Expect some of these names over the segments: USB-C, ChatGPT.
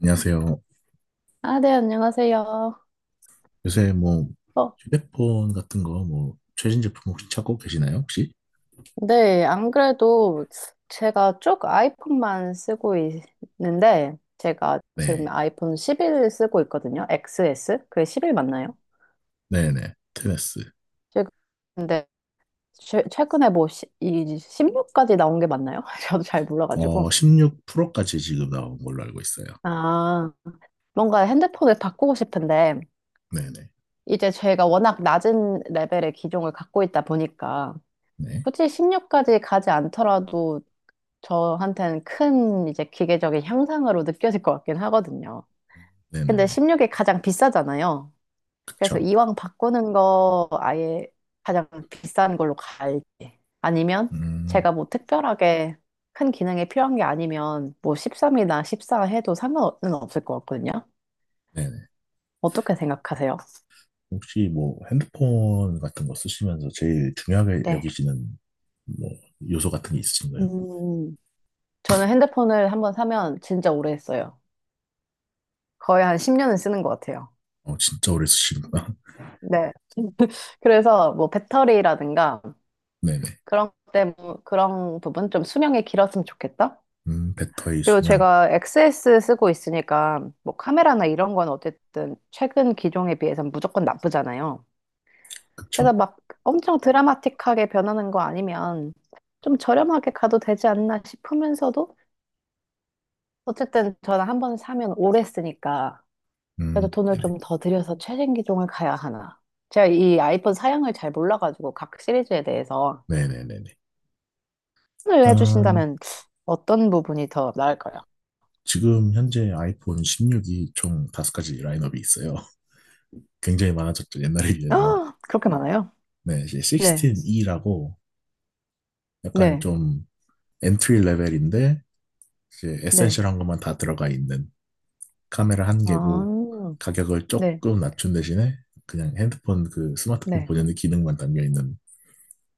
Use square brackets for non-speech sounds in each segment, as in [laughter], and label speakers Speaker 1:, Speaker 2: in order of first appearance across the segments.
Speaker 1: 안녕하세요.
Speaker 2: 아, 네, 안녕하세요.
Speaker 1: 요새 뭐
Speaker 2: 어,
Speaker 1: 휴대폰 같은 거 뭐 최신 제품 혹시 찾고 계시나요, 혹시?
Speaker 2: 네, 안 그래도 제가 쭉 아이폰만 쓰고 있는데, 제가 지금
Speaker 1: 네.
Speaker 2: 아이폰 11 쓰고 있거든요. XS? 그게 11 맞나요?
Speaker 1: 네네. 테네스.
Speaker 2: 지금 근데 최근에 뭐 이 16까지 나온 게 맞나요? [laughs] 저도 잘 몰라가지고.
Speaker 1: 16 프로까지 지금 나온 걸로 알고 있어요.
Speaker 2: 아, 뭔가 핸드폰을 바꾸고 싶은데,
Speaker 1: 네네.
Speaker 2: 이제 제가 워낙 낮은 레벨의 기종을 갖고 있다 보니까,
Speaker 1: 네.
Speaker 2: 굳이 16까지 가지 않더라도 저한테는 큰 이제 기계적인 향상으로 느껴질 것 같긴 하거든요. 근데
Speaker 1: 네네네.
Speaker 2: 16이 가장 비싸잖아요. 그래서
Speaker 1: 그쵸.
Speaker 2: 이왕 바꾸는 거 아예 가장 비싼 걸로 갈지 아니면
Speaker 1: 음,
Speaker 2: 제가 뭐 특별하게 큰 기능이 필요한 게 아니면 뭐 13이나 14 해도 상관은 없을 것 같거든요.
Speaker 1: 네네.
Speaker 2: 어떻게 생각하세요?
Speaker 1: 혹시 뭐 핸드폰 같은 거 쓰시면서 제일 중요하게
Speaker 2: 네.
Speaker 1: 여기시는 뭐 요소 같은 게 있으신가요?
Speaker 2: 음, 저는 핸드폰을 한번 사면 진짜 오래 했어요. 거의 한 10년은 쓰는 것 같아요.
Speaker 1: 진짜 오래 쓰시는구나.
Speaker 2: 네. [laughs] 그래서 뭐 배터리라든가
Speaker 1: [laughs] 네네.
Speaker 2: 그런 때, 뭐 그런 부분 좀 수명이 길었으면 좋겠다.
Speaker 1: 배터리
Speaker 2: 그리고
Speaker 1: 수명.
Speaker 2: 제가 XS 쓰고 있으니까 뭐 카메라나 이런 건 어쨌든 최근 기종에 비해서는 무조건 나쁘잖아요.
Speaker 1: 그쵸.
Speaker 2: 그래서 막 엄청 드라마틱하게 변하는 거 아니면 좀 저렴하게 가도 되지 않나 싶으면서도 어쨌든 저는 한 번 사면 오래 쓰니까 그래도 돈을
Speaker 1: 네네.
Speaker 2: 좀 더 들여서 최신 기종을 가야 하나. 제가 이 아이폰 사양을 잘 몰라가지고 각 시리즈에 대해서
Speaker 1: 네네네네.
Speaker 2: 추천을
Speaker 1: 일단
Speaker 2: 해주신다면 어떤 부분이 더 나을까요?
Speaker 1: 지금 현재 아이폰 16이 총 다섯 가지 라인업이 있어요. [laughs] 굉장히 많아졌죠, 옛날에 비해서.
Speaker 2: 아, 그렇게 많아요?
Speaker 1: 네, 이제
Speaker 2: 네,
Speaker 1: 16E라고 약간
Speaker 2: 네,
Speaker 1: 좀 엔트리 레벨인데 이제
Speaker 2: 네,
Speaker 1: 에센셜한 것만 다 들어가 있는 카메라 한 개고
Speaker 2: 아,
Speaker 1: 가격을
Speaker 2: 네,
Speaker 1: 조금 낮춘 대신에 그냥 핸드폰 그 스마트폰
Speaker 2: 네.
Speaker 1: 본연의 기능만 담겨 있는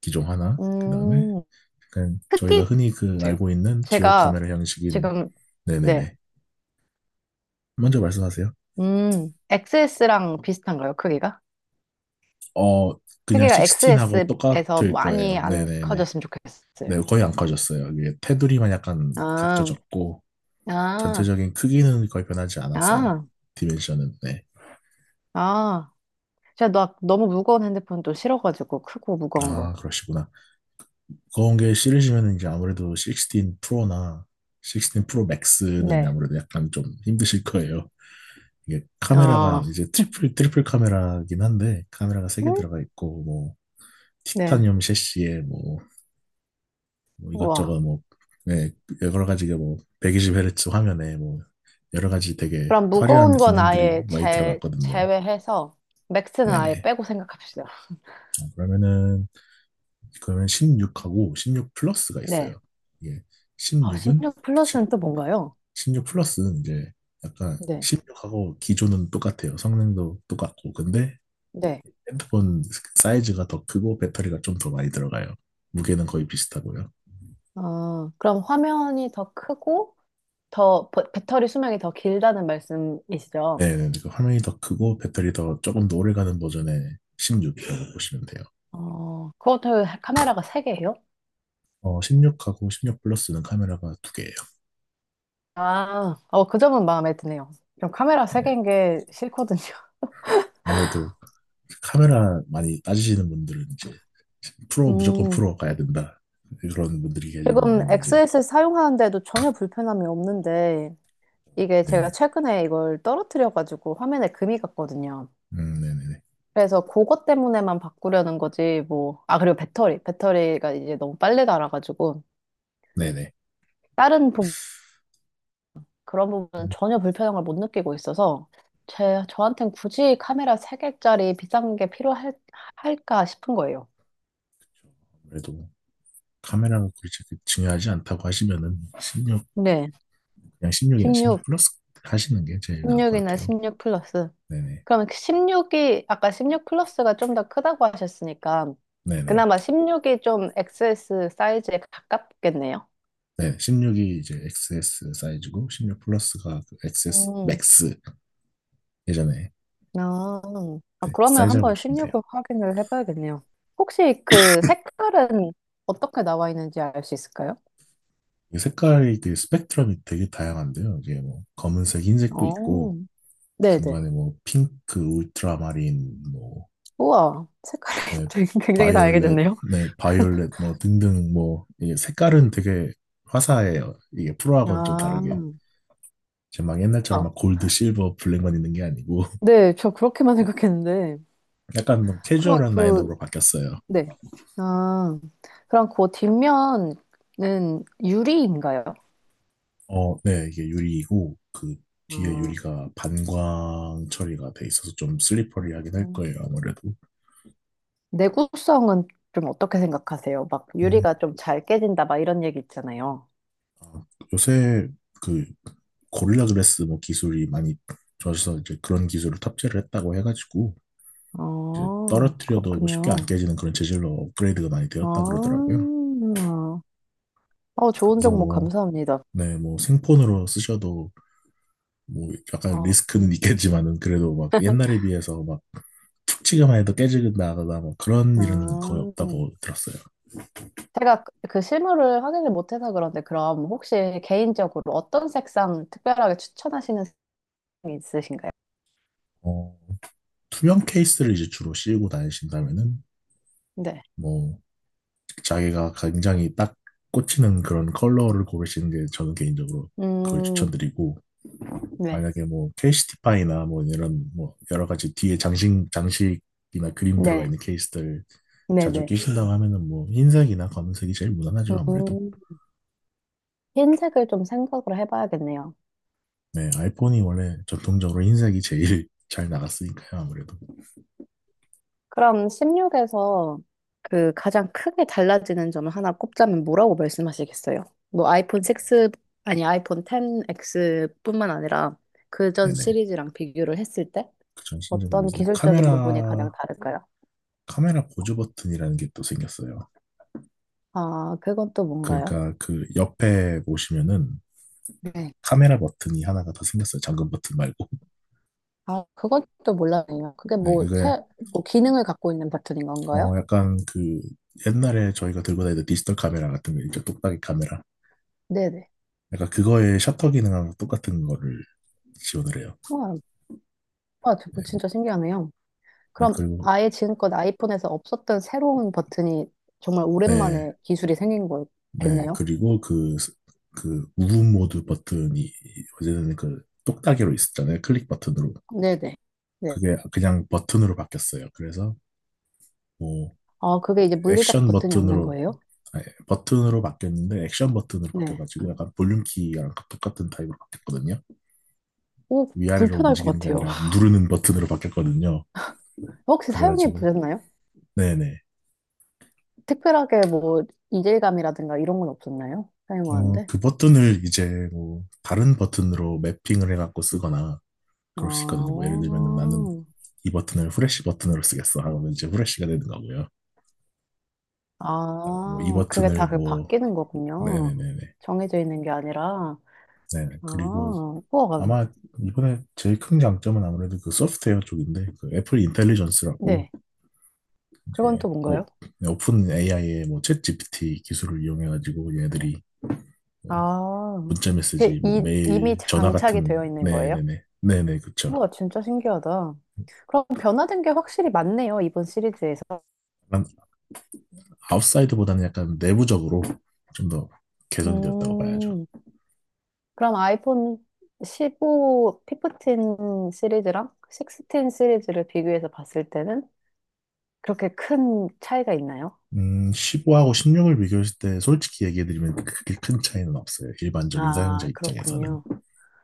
Speaker 1: 기종 하나. 그다음에
Speaker 2: 음,
Speaker 1: 그냥 저희가
Speaker 2: 크기
Speaker 1: 흔히 그
Speaker 2: 보세요.
Speaker 1: 알고 있는 듀얼
Speaker 2: 제가
Speaker 1: 카메라 형식인
Speaker 2: 지금, 네,
Speaker 1: 네네네. 먼저 말씀하세요.
Speaker 2: XS랑 비슷한가요, 크기가?
Speaker 1: 어, 그냥
Speaker 2: 크기가
Speaker 1: 16하고
Speaker 2: XS에서
Speaker 1: 똑같을
Speaker 2: 많이
Speaker 1: 거예요.
Speaker 2: 안
Speaker 1: 네네네.
Speaker 2: 커졌으면 좋겠어요.
Speaker 1: 네, 거의 안 커졌어요. 이게 테두리만 약간
Speaker 2: 아,
Speaker 1: 각져졌고,
Speaker 2: 아,
Speaker 1: 전체적인 크기는 거의 변하지 않았어요.
Speaker 2: 아,
Speaker 1: 디멘션은, 네.
Speaker 2: 아. 제가 나 너무 무거운 핸드폰 또 싫어가지고, 크고 무거운
Speaker 1: 아,
Speaker 2: 거.
Speaker 1: 그러시구나. 그런 게 싫으시면 이제 아무래도 16 프로나 16 프로 맥스는
Speaker 2: 네,
Speaker 1: 아무래도 약간 좀 힘드실 거예요. 이게
Speaker 2: 아,
Speaker 1: 카메라가 이제 트리플 카메라긴 한데, 카메라가 세
Speaker 2: 네,
Speaker 1: 개 들어가 있고, 뭐,
Speaker 2: 네.
Speaker 1: 티타늄 셰시에 뭐, 뭐
Speaker 2: 우와.
Speaker 1: 이것저것 뭐, 네, 여러 가지가 뭐, 120Hz 화면에 뭐, 여러 가지 되게
Speaker 2: 그럼
Speaker 1: 화려한
Speaker 2: 무거운 건
Speaker 1: 기능들이
Speaker 2: 아예
Speaker 1: 많이
Speaker 2: 제,
Speaker 1: 들어갔거든요.
Speaker 2: 제외해서 맥스는 아예
Speaker 1: 네네.
Speaker 2: 빼고 생각합시다.
Speaker 1: 어, 그러면은, 그러면 16하고 16 플러스가
Speaker 2: 네.
Speaker 1: 있어요. 이게 16은,
Speaker 2: 16 플러스는 또 뭔가요?
Speaker 1: 16 플러스는 이제 약간
Speaker 2: 네.
Speaker 1: 16하고 기존은 똑같아요. 성능도 똑같고. 근데
Speaker 2: 네.
Speaker 1: 핸드폰 사이즈가 더 크고 배터리가 좀 더 많이 들어가요. 무게는 거의 비슷하고요.
Speaker 2: 그럼 화면이 더 크고 더 배터리 수명이 더 길다는 말씀이시죠?
Speaker 1: 네, 네, 네. 그 화면이 더 크고 배터리 더 조금 더 오래 가는 버전의 16이라고 보시면 돼요.
Speaker 2: 그것도 카메라가 3개예요?
Speaker 1: 16하고 16 플러스는 카메라가 두 개예요.
Speaker 2: 아, 그 점은 마음에 드네요. 좀 카메라
Speaker 1: 네,
Speaker 2: 3개인 게 싫거든요. [laughs]
Speaker 1: 아무래도 카메라 많이 따지시는 분들은 이제 프로 무조건
Speaker 2: 음,
Speaker 1: 프로 가야 된다 그런 분들이 계시는
Speaker 2: 지금
Speaker 1: 반면에 이제
Speaker 2: XS를 사용하는데도 전혀 불편함이 없는데, 이게 제가
Speaker 1: 네,
Speaker 2: 최근에 이걸 떨어뜨려가지고 화면에 금이 갔거든요.
Speaker 1: 네네네,
Speaker 2: 그래서 그것 때문에만 바꾸려는 거지, 뭐. 아, 그리고 배터리. 배터리가 이제 너무 빨리 닳아가지고,
Speaker 1: 네네.
Speaker 2: 다른 부, 그런 부분은
Speaker 1: 음,
Speaker 2: 전혀 불편함을 못 느끼고 있어서, 저한텐 굳이 카메라 3개짜리 비싼 게 할까 싶은 거예요.
Speaker 1: 아무래도 카메라가 그렇게 중요하지 않다고 하시면은 16
Speaker 2: 네.
Speaker 1: 그냥 16이나 16
Speaker 2: 16,
Speaker 1: 플러스 하시는 게 제일 나을 것
Speaker 2: 16이나
Speaker 1: 같아요.
Speaker 2: 16 플러스.
Speaker 1: 네네,
Speaker 2: 그러면 16이, 아까 16 플러스가 좀 더 크다고 하셨으니까,
Speaker 1: 네네.
Speaker 2: 그나마 16이 좀 XS 사이즈에 가깝겠네요.
Speaker 1: 네, 16이 이제 XS 사이즈고 16 플러스가 그 XS
Speaker 2: 음,
Speaker 1: 맥스 예전에
Speaker 2: 아, 아,
Speaker 1: 네, 그
Speaker 2: 그러면
Speaker 1: 사이즈라고
Speaker 2: 한번
Speaker 1: 보시면 돼요.
Speaker 2: 16을 확인을 해봐야겠네요. 혹시 그 색깔은 어떻게 나와 있는지 알 수 있을까요?
Speaker 1: 이 색깔이 그 스펙트럼이 되게 다양한데요. 이게 뭐 검은색, 흰색도
Speaker 2: 어,
Speaker 1: 있고
Speaker 2: 네네.
Speaker 1: 중간에 뭐 핑크, 울트라마린, 뭐
Speaker 2: 우와, 색깔이
Speaker 1: 네,
Speaker 2: [laughs] 되게 굉장히
Speaker 1: 바이올렛,
Speaker 2: 다양해졌네요.
Speaker 1: 네, 바이올렛 뭐 등등 뭐 이게 색깔은 되게 화사해요. 이게 프로하고는 좀
Speaker 2: 아,
Speaker 1: 다르게 이제 막 옛날처럼
Speaker 2: 아,
Speaker 1: 막 골드, 실버, 블랙만 있는 게 아니고
Speaker 2: 네, 저 그렇게만
Speaker 1: [laughs]
Speaker 2: 생각했는데.
Speaker 1: 약간 좀
Speaker 2: 그럼
Speaker 1: 캐주얼한
Speaker 2: 그,
Speaker 1: 라인업으로 바뀌었어요.
Speaker 2: 네. 아, 그럼 그 뒷면은 유리인가요?
Speaker 1: 어, 네, 이게 유리이고, 그 뒤에
Speaker 2: 아,
Speaker 1: 유리가 반광 처리가 돼 있어서 좀 슬리퍼리하긴 할 거예요,
Speaker 2: 음.
Speaker 1: 아무래도.
Speaker 2: 내구성은 좀 어떻게 생각하세요? 막
Speaker 1: 음,
Speaker 2: 유리가 좀 잘 깨진다, 막 이런 얘기 있잖아요.
Speaker 1: 아, 요새 그 고릴라 글래스 뭐 기술이 많이 좋아져서 이제 그런 기술을 탑재를 했다고 해가지고, 이제
Speaker 2: 아,
Speaker 1: 떨어뜨려도 뭐 쉽게 안
Speaker 2: 그렇군요.
Speaker 1: 깨지는 그런 재질로 업그레이드가 많이
Speaker 2: 아,
Speaker 1: 되었다 그러더라고요.
Speaker 2: 좋은
Speaker 1: 그래서
Speaker 2: 정보
Speaker 1: 뭐,
Speaker 2: 감사합니다.
Speaker 1: 네, 뭐 생폰으로 쓰셔도 뭐 약간
Speaker 2: 아,
Speaker 1: 리스크는 있겠지만은 그래도 막 옛날에 비해서 막 툭 치기만 해도 깨지거나 뭐 그런 일은 거의
Speaker 2: 아.
Speaker 1: 없다고 들었어요.
Speaker 2: 제가 그 실물을 확인을 못해서 그런데 그럼 혹시 개인적으로 어떤 색상 특별하게 추천하시는 색상이 있으신가요?
Speaker 1: 어, 투명 케이스를 이제 주로 씌우고 다니신다면은
Speaker 2: 네.
Speaker 1: 뭐 자기가 굉장히 딱 꽂히는 그런 컬러를 고르시는 게 저는 개인적으로 그걸
Speaker 2: 음,
Speaker 1: 추천드리고
Speaker 2: 네.
Speaker 1: 만약에 뭐 케이시티파이나 뭐 이런 뭐 여러 가지 뒤에 장식 장식이나 그림 들어가
Speaker 2: 네.
Speaker 1: 있는 케이스들 자주
Speaker 2: 네네.
Speaker 1: 끼신다고 하면은 뭐 흰색이나 검은색이 제일 무난하죠 아무래도.
Speaker 2: 음, 흰색을 좀 생각을 해봐야겠네요.
Speaker 1: 네 아이폰이 원래 전통적으로 흰색이 제일 [laughs] 잘 나갔으니까요 아무래도.
Speaker 2: 그럼 16에서 그 가장 크게 달라지는 점 하나 꼽자면 뭐라고 말씀하시겠어요? 뭐 아이폰 6, 아니 아이폰 10X뿐만 아니라 그전
Speaker 1: 네네
Speaker 2: 시리즈랑 비교를 했을 때
Speaker 1: 그 전신적인
Speaker 2: 어떤
Speaker 1: 요소
Speaker 2: 기술적인 부분이 가장
Speaker 1: 카메라
Speaker 2: 다를까요?
Speaker 1: 카메라 보조 버튼이라는 게 또 생겼어요.
Speaker 2: 아, 그건 또 뭔가요?
Speaker 1: 그러니까 그 옆에 보시면은
Speaker 2: 네.
Speaker 1: 카메라 버튼이 하나가 더 생겼어요. 잠금 버튼 말고. [laughs]
Speaker 2: 아, 그건 또 몰랐네요. 그게
Speaker 1: 네,
Speaker 2: 뭐,
Speaker 1: 그게
Speaker 2: 뭐 기능을 갖고 있는 버튼인 건가요?
Speaker 1: 약간 그 옛날에 저희가 들고 다니던 디지털 카메라 같은 거 있죠. 똑딱이 카메라.
Speaker 2: 네네.
Speaker 1: 약간 그거의 셔터 기능하고 똑같은 거를 지원을 해요.
Speaker 2: 와, 아,
Speaker 1: 네,
Speaker 2: 저거 진짜 신기하네요.
Speaker 1: 네,
Speaker 2: 그럼
Speaker 1: 그리고
Speaker 2: 아예 지금껏 아이폰에서 없었던 새로운 버튼이 정말
Speaker 1: 네,
Speaker 2: 오랜만에 기술이 생긴
Speaker 1: 네
Speaker 2: 거겠네요.
Speaker 1: 그리고 그 그 무분 모드 버튼이 어제는 그 똑딱이로 있었잖아요. 클릭 버튼으로.
Speaker 2: 네네. 네.
Speaker 1: 그게 그냥 버튼으로 바뀌었어요. 그래서 뭐
Speaker 2: 아, 그게 이제 물리적
Speaker 1: 액션
Speaker 2: 버튼이 없는
Speaker 1: 버튼으로
Speaker 2: 거예요?
Speaker 1: 예, 버튼으로 바뀌었는데 액션 버튼으로
Speaker 2: 네.
Speaker 1: 바뀌어가지고 약간 볼륨 키랑 똑같은 타입으로 바뀌었거든요.
Speaker 2: 오,
Speaker 1: 위아래로
Speaker 2: 불편할 것
Speaker 1: 움직이는 게
Speaker 2: 같아요.
Speaker 1: 아니라
Speaker 2: [laughs]
Speaker 1: 누르는 버튼으로 바뀌었거든요.
Speaker 2: 혹시 사용해
Speaker 1: 그래가지고
Speaker 2: 보셨나요?
Speaker 1: 네네.
Speaker 2: 특별하게 뭐 이질감이라든가 이런 건 없었나요? 사용하는데?
Speaker 1: 그 버튼을 이제 뭐 다른 버튼으로 매핑을 해갖고 쓰거나 그럴 수 있거든요. 뭐
Speaker 2: 아,
Speaker 1: 예를 들면은 나는 이 버튼을 후레쉬 버튼으로 쓰겠어 하면 이제 후레쉬가 되는 거고요. 뭐 이
Speaker 2: 아, 그게 다
Speaker 1: 버튼을
Speaker 2: 그
Speaker 1: 뭐
Speaker 2: 바뀌는 거군요.
Speaker 1: 네네네네.
Speaker 2: 정해져 있는 게 아니라.
Speaker 1: 네네. 그리고
Speaker 2: 아, 우와.
Speaker 1: 아마 이번에 제일 큰 장점은 아무래도 그 소프트웨어 쪽인데 그 애플 인텔리전스라고
Speaker 2: 네. 그건
Speaker 1: 이렇게
Speaker 2: 또
Speaker 1: 뭐
Speaker 2: 뭔가요?
Speaker 1: 오픈 AI의 뭐 챗GPT 기술을 이용해가지고 얘들이 뭐
Speaker 2: 아,
Speaker 1: 문자
Speaker 2: 그
Speaker 1: 메시지, 뭐
Speaker 2: 이미
Speaker 1: 메일, 전화
Speaker 2: 장착이
Speaker 1: 같은
Speaker 2: 되어 있는 거예요?
Speaker 1: 네네네 네네 그쵸.
Speaker 2: 우와, 진짜 신기하다. 그럼 변화된 게 확실히 많네요, 이번 시리즈에서.
Speaker 1: 약간 아웃사이드보다는 약간 내부적으로 좀 더 개선이 되었다고 봐야죠.
Speaker 2: 음, 그럼 아이폰 15, 15 시리즈랑 16 시리즈를 비교해서 봤을 때는 그렇게 큰 차이가 있나요?
Speaker 1: 15하고 16을 비교했을 때 솔직히 얘기해드리면 그렇게 큰 차이는 없어요. 일반적인 사용자
Speaker 2: 아,
Speaker 1: 입장에서는.
Speaker 2: 그렇군요.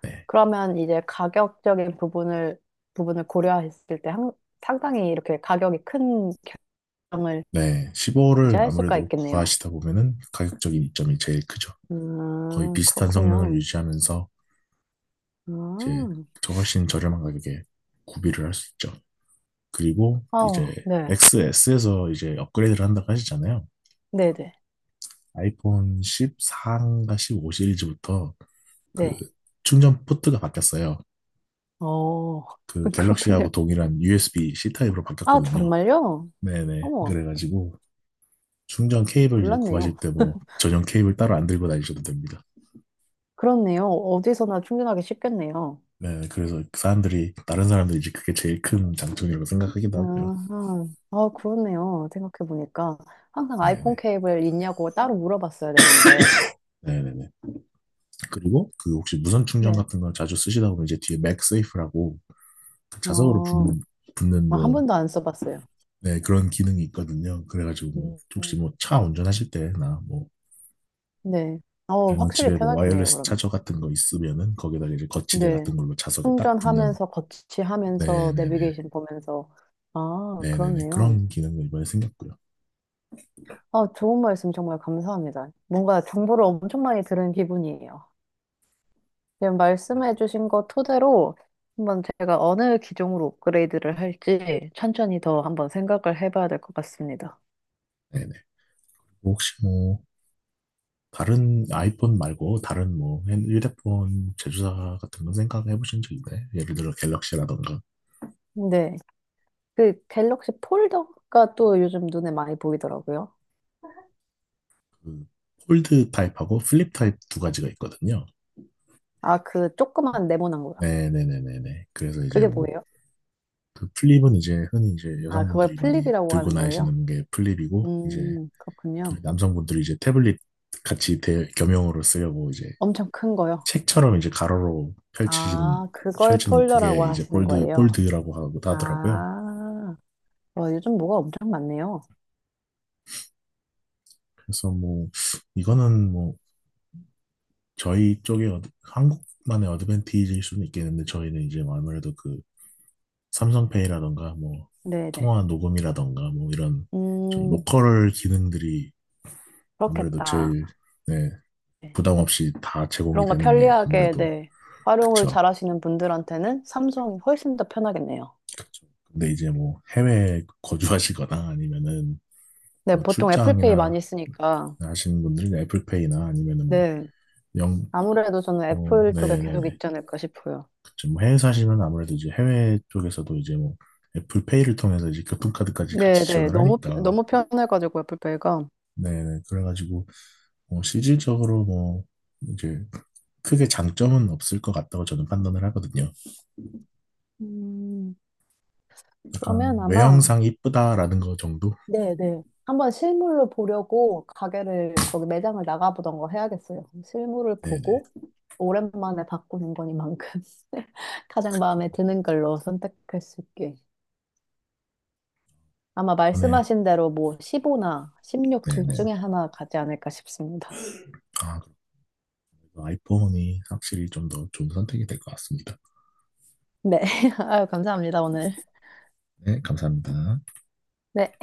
Speaker 1: 네.
Speaker 2: 그러면 이제 가격적인 부분을 고려했을 때 상당히 이렇게 가격이 큰 결정을
Speaker 1: 네.
Speaker 2: 이제
Speaker 1: 15를
Speaker 2: 할 수가
Speaker 1: 아무래도
Speaker 2: 있겠네요.
Speaker 1: 구하시다 보면은 가격적인 이점이 제일 크죠. 거의
Speaker 2: 아,
Speaker 1: 비슷한 성능을
Speaker 2: 그렇군요.
Speaker 1: 유지하면서
Speaker 2: 아,
Speaker 1: 이제
Speaker 2: 어,
Speaker 1: 저 훨씬 저렴한 가격에 구비를 할 수 있죠. 그리고 이제
Speaker 2: 네.
Speaker 1: XS에서 이제 업그레이드를 한다고 하시잖아요.
Speaker 2: 네네.
Speaker 1: 아이폰 14인가 15 시리즈부터 그
Speaker 2: 네.
Speaker 1: 충전 포트가 바뀌었어요.
Speaker 2: 어,
Speaker 1: 그
Speaker 2: [laughs] 그렇군요.
Speaker 1: 갤럭시하고 동일한 USB-C 타입으로
Speaker 2: 아,
Speaker 1: 바뀌었거든요.
Speaker 2: 정말요?
Speaker 1: 네네.
Speaker 2: 어머,
Speaker 1: 그래가지고 충전 케이블 이제
Speaker 2: 몰랐네요.
Speaker 1: 구하실 때 뭐 전용 케이블 따로 안 들고 다니셔도 됩니다.
Speaker 2: 그렇네요. 어디서나 충전하기 쉽겠네요.
Speaker 1: 네, 그래서 사람들이 다른 사람들이 이제 그게 제일 큰 장점이라고 생각하기도 하고요.
Speaker 2: 아하, 아, 그렇네요. 생각해보니까. 항상 아이폰
Speaker 1: 네네.
Speaker 2: 케이블 있냐고 따로 물어봤어야 됐는데.
Speaker 1: 네네네. 그리고 그 혹시 무선 충전
Speaker 2: 네.
Speaker 1: 같은 걸 자주 쓰시다 보면 이제 뒤에 맥세이프라고 그 자석으로
Speaker 2: 어,
Speaker 1: 붙는, 붙는
Speaker 2: 아, 한
Speaker 1: 뭐,
Speaker 2: 번도 안 써봤어요.
Speaker 1: 네, 그런 기능이 있거든요. 그래가지고 뭐
Speaker 2: 음,
Speaker 1: 혹시 뭐 차 운전하실 때나 뭐
Speaker 2: 네.
Speaker 1: 그냥
Speaker 2: 확실히
Speaker 1: 집에 뭐
Speaker 2: 편하겠네요,
Speaker 1: 와이어리스
Speaker 2: 그러면.
Speaker 1: 차저 같은 거 있으면은 거기다가 이제 거치대 같은
Speaker 2: 네.
Speaker 1: 걸로 자석에 딱 붙는
Speaker 2: 충전하면서 거치하면서
Speaker 1: 네네네
Speaker 2: 내비게이션 보면서 아,
Speaker 1: 네네네
Speaker 2: 그렇네요.
Speaker 1: 그런 기능도 이번에 생겼고요.
Speaker 2: 아, 좋은 말씀 정말 감사합니다. 뭔가 정보를 엄청 많이 들은 기분이에요. 지금 말씀해주신 거 토대로 한번 제가 어느 기종으로 업그레이드를 할지 천천히 더 한번 생각을 해봐야 될 것 같습니다.
Speaker 1: 네네. 혹시 뭐 다른 아이폰 말고 다른 뭐 핸- 휴대폰 제조사 같은 거 생각해 보신 적 있나요? 예를 들어 갤럭시라던가
Speaker 2: 네. 그 갤럭시 폴더가 또 요즘 눈에 많이 보이더라고요.
Speaker 1: 그 폴드 타입하고 플립 타입 두 가지가 있거든요.
Speaker 2: 아, 그 조그만 네모난 거요.
Speaker 1: 네네네네네. 그래서 이제
Speaker 2: 그게
Speaker 1: 뭐,
Speaker 2: 뭐예요?
Speaker 1: 그 플립은 이제 흔히 이제
Speaker 2: 아, 그걸
Speaker 1: 여성분들이 많이
Speaker 2: 플립이라고
Speaker 1: 들고
Speaker 2: 하는 거예요?
Speaker 1: 다니시는 게 플립이고, 이제 그
Speaker 2: 그렇군요.
Speaker 1: 남성분들이 이제 태블릿 같이 대, 겸용으로 쓰려고 이제
Speaker 2: 엄청 큰 거요.
Speaker 1: 책처럼 이제 가로로 펼치신,
Speaker 2: 아, 그걸
Speaker 1: 펼치는
Speaker 2: 폴더라고
Speaker 1: 그게 이제
Speaker 2: 하시는
Speaker 1: 폴드,
Speaker 2: 거예요.
Speaker 1: 폴드라고 하고 하더라고요.
Speaker 2: 아, 와, 요즘 뭐가 엄청 많네요.
Speaker 1: 그래서 뭐, 이거는 뭐, 저희 쪽에 어드- 한국만의 어드밴티지일 수는 있겠는데, 저희는 이제 아무래도 그 삼성페이라던가 뭐
Speaker 2: 네네.
Speaker 1: 통화 녹음이라던가 뭐 이런 좀
Speaker 2: 음,
Speaker 1: 로컬 기능들이 아무래도
Speaker 2: 그렇겠다.
Speaker 1: 제일 네,
Speaker 2: 네.
Speaker 1: 부담 없이 다 제공이
Speaker 2: 그런 거
Speaker 1: 되는 게
Speaker 2: 편리하게,
Speaker 1: 아무래도
Speaker 2: 네. 활용을
Speaker 1: 그쵸.
Speaker 2: 잘 하시는 분들한테는 삼성이 훨씬 더 편하겠네요.
Speaker 1: 그쵸. 근데 이제 뭐 해외 거주하시거나 아니면은
Speaker 2: 네,
Speaker 1: 뭐
Speaker 2: 보통 애플페이 많이
Speaker 1: 출장이나
Speaker 2: 쓰니까.
Speaker 1: 하시는 분들은 애플페이나 아니면은 뭐
Speaker 2: 네.
Speaker 1: 영,
Speaker 2: 아무래도 저는
Speaker 1: 뭐
Speaker 2: 애플 쪽에 계속
Speaker 1: 네네네.
Speaker 2: 있지 않을까 싶어요.
Speaker 1: 그쵸. 뭐 해외 사시면 아무래도 이제 해외 쪽에서도 이제 뭐 애플페이를 통해서 이제 교통카드까지 같이
Speaker 2: 네네.
Speaker 1: 지원을 하니까
Speaker 2: 너무 편해가지고 애플페이가.
Speaker 1: 네네. 그래가지고 뭐 실질적으로 뭐 이제 크게 장점은 없을 것 같다고 저는 판단을 하거든요.
Speaker 2: 음,
Speaker 1: 약간
Speaker 2: 그러면 아마
Speaker 1: 외형상 이쁘다라는 거 정도?
Speaker 2: 네, 네. 한번 실물로 보려고 가게를 거기 매장을 나가보던 거 해야겠어요. 실물을
Speaker 1: 네네.
Speaker 2: 보고 오랜만에 바꾸는 거니만큼 [laughs] 가장 마음에 드는 걸로 선택할 수 있게. 아마
Speaker 1: 이번에
Speaker 2: 말씀하신 대로 뭐 15나 16 둘
Speaker 1: 네네.
Speaker 2: 중에 하나 가지 않을까 싶습니다.
Speaker 1: 아, 그래도 아이폰이 확실히 좀 더 좋은 선택이 될 것 같습니다.
Speaker 2: 네. [laughs] 아유, 감사합니다, 오늘.
Speaker 1: 네, 감사합니다.
Speaker 2: 네.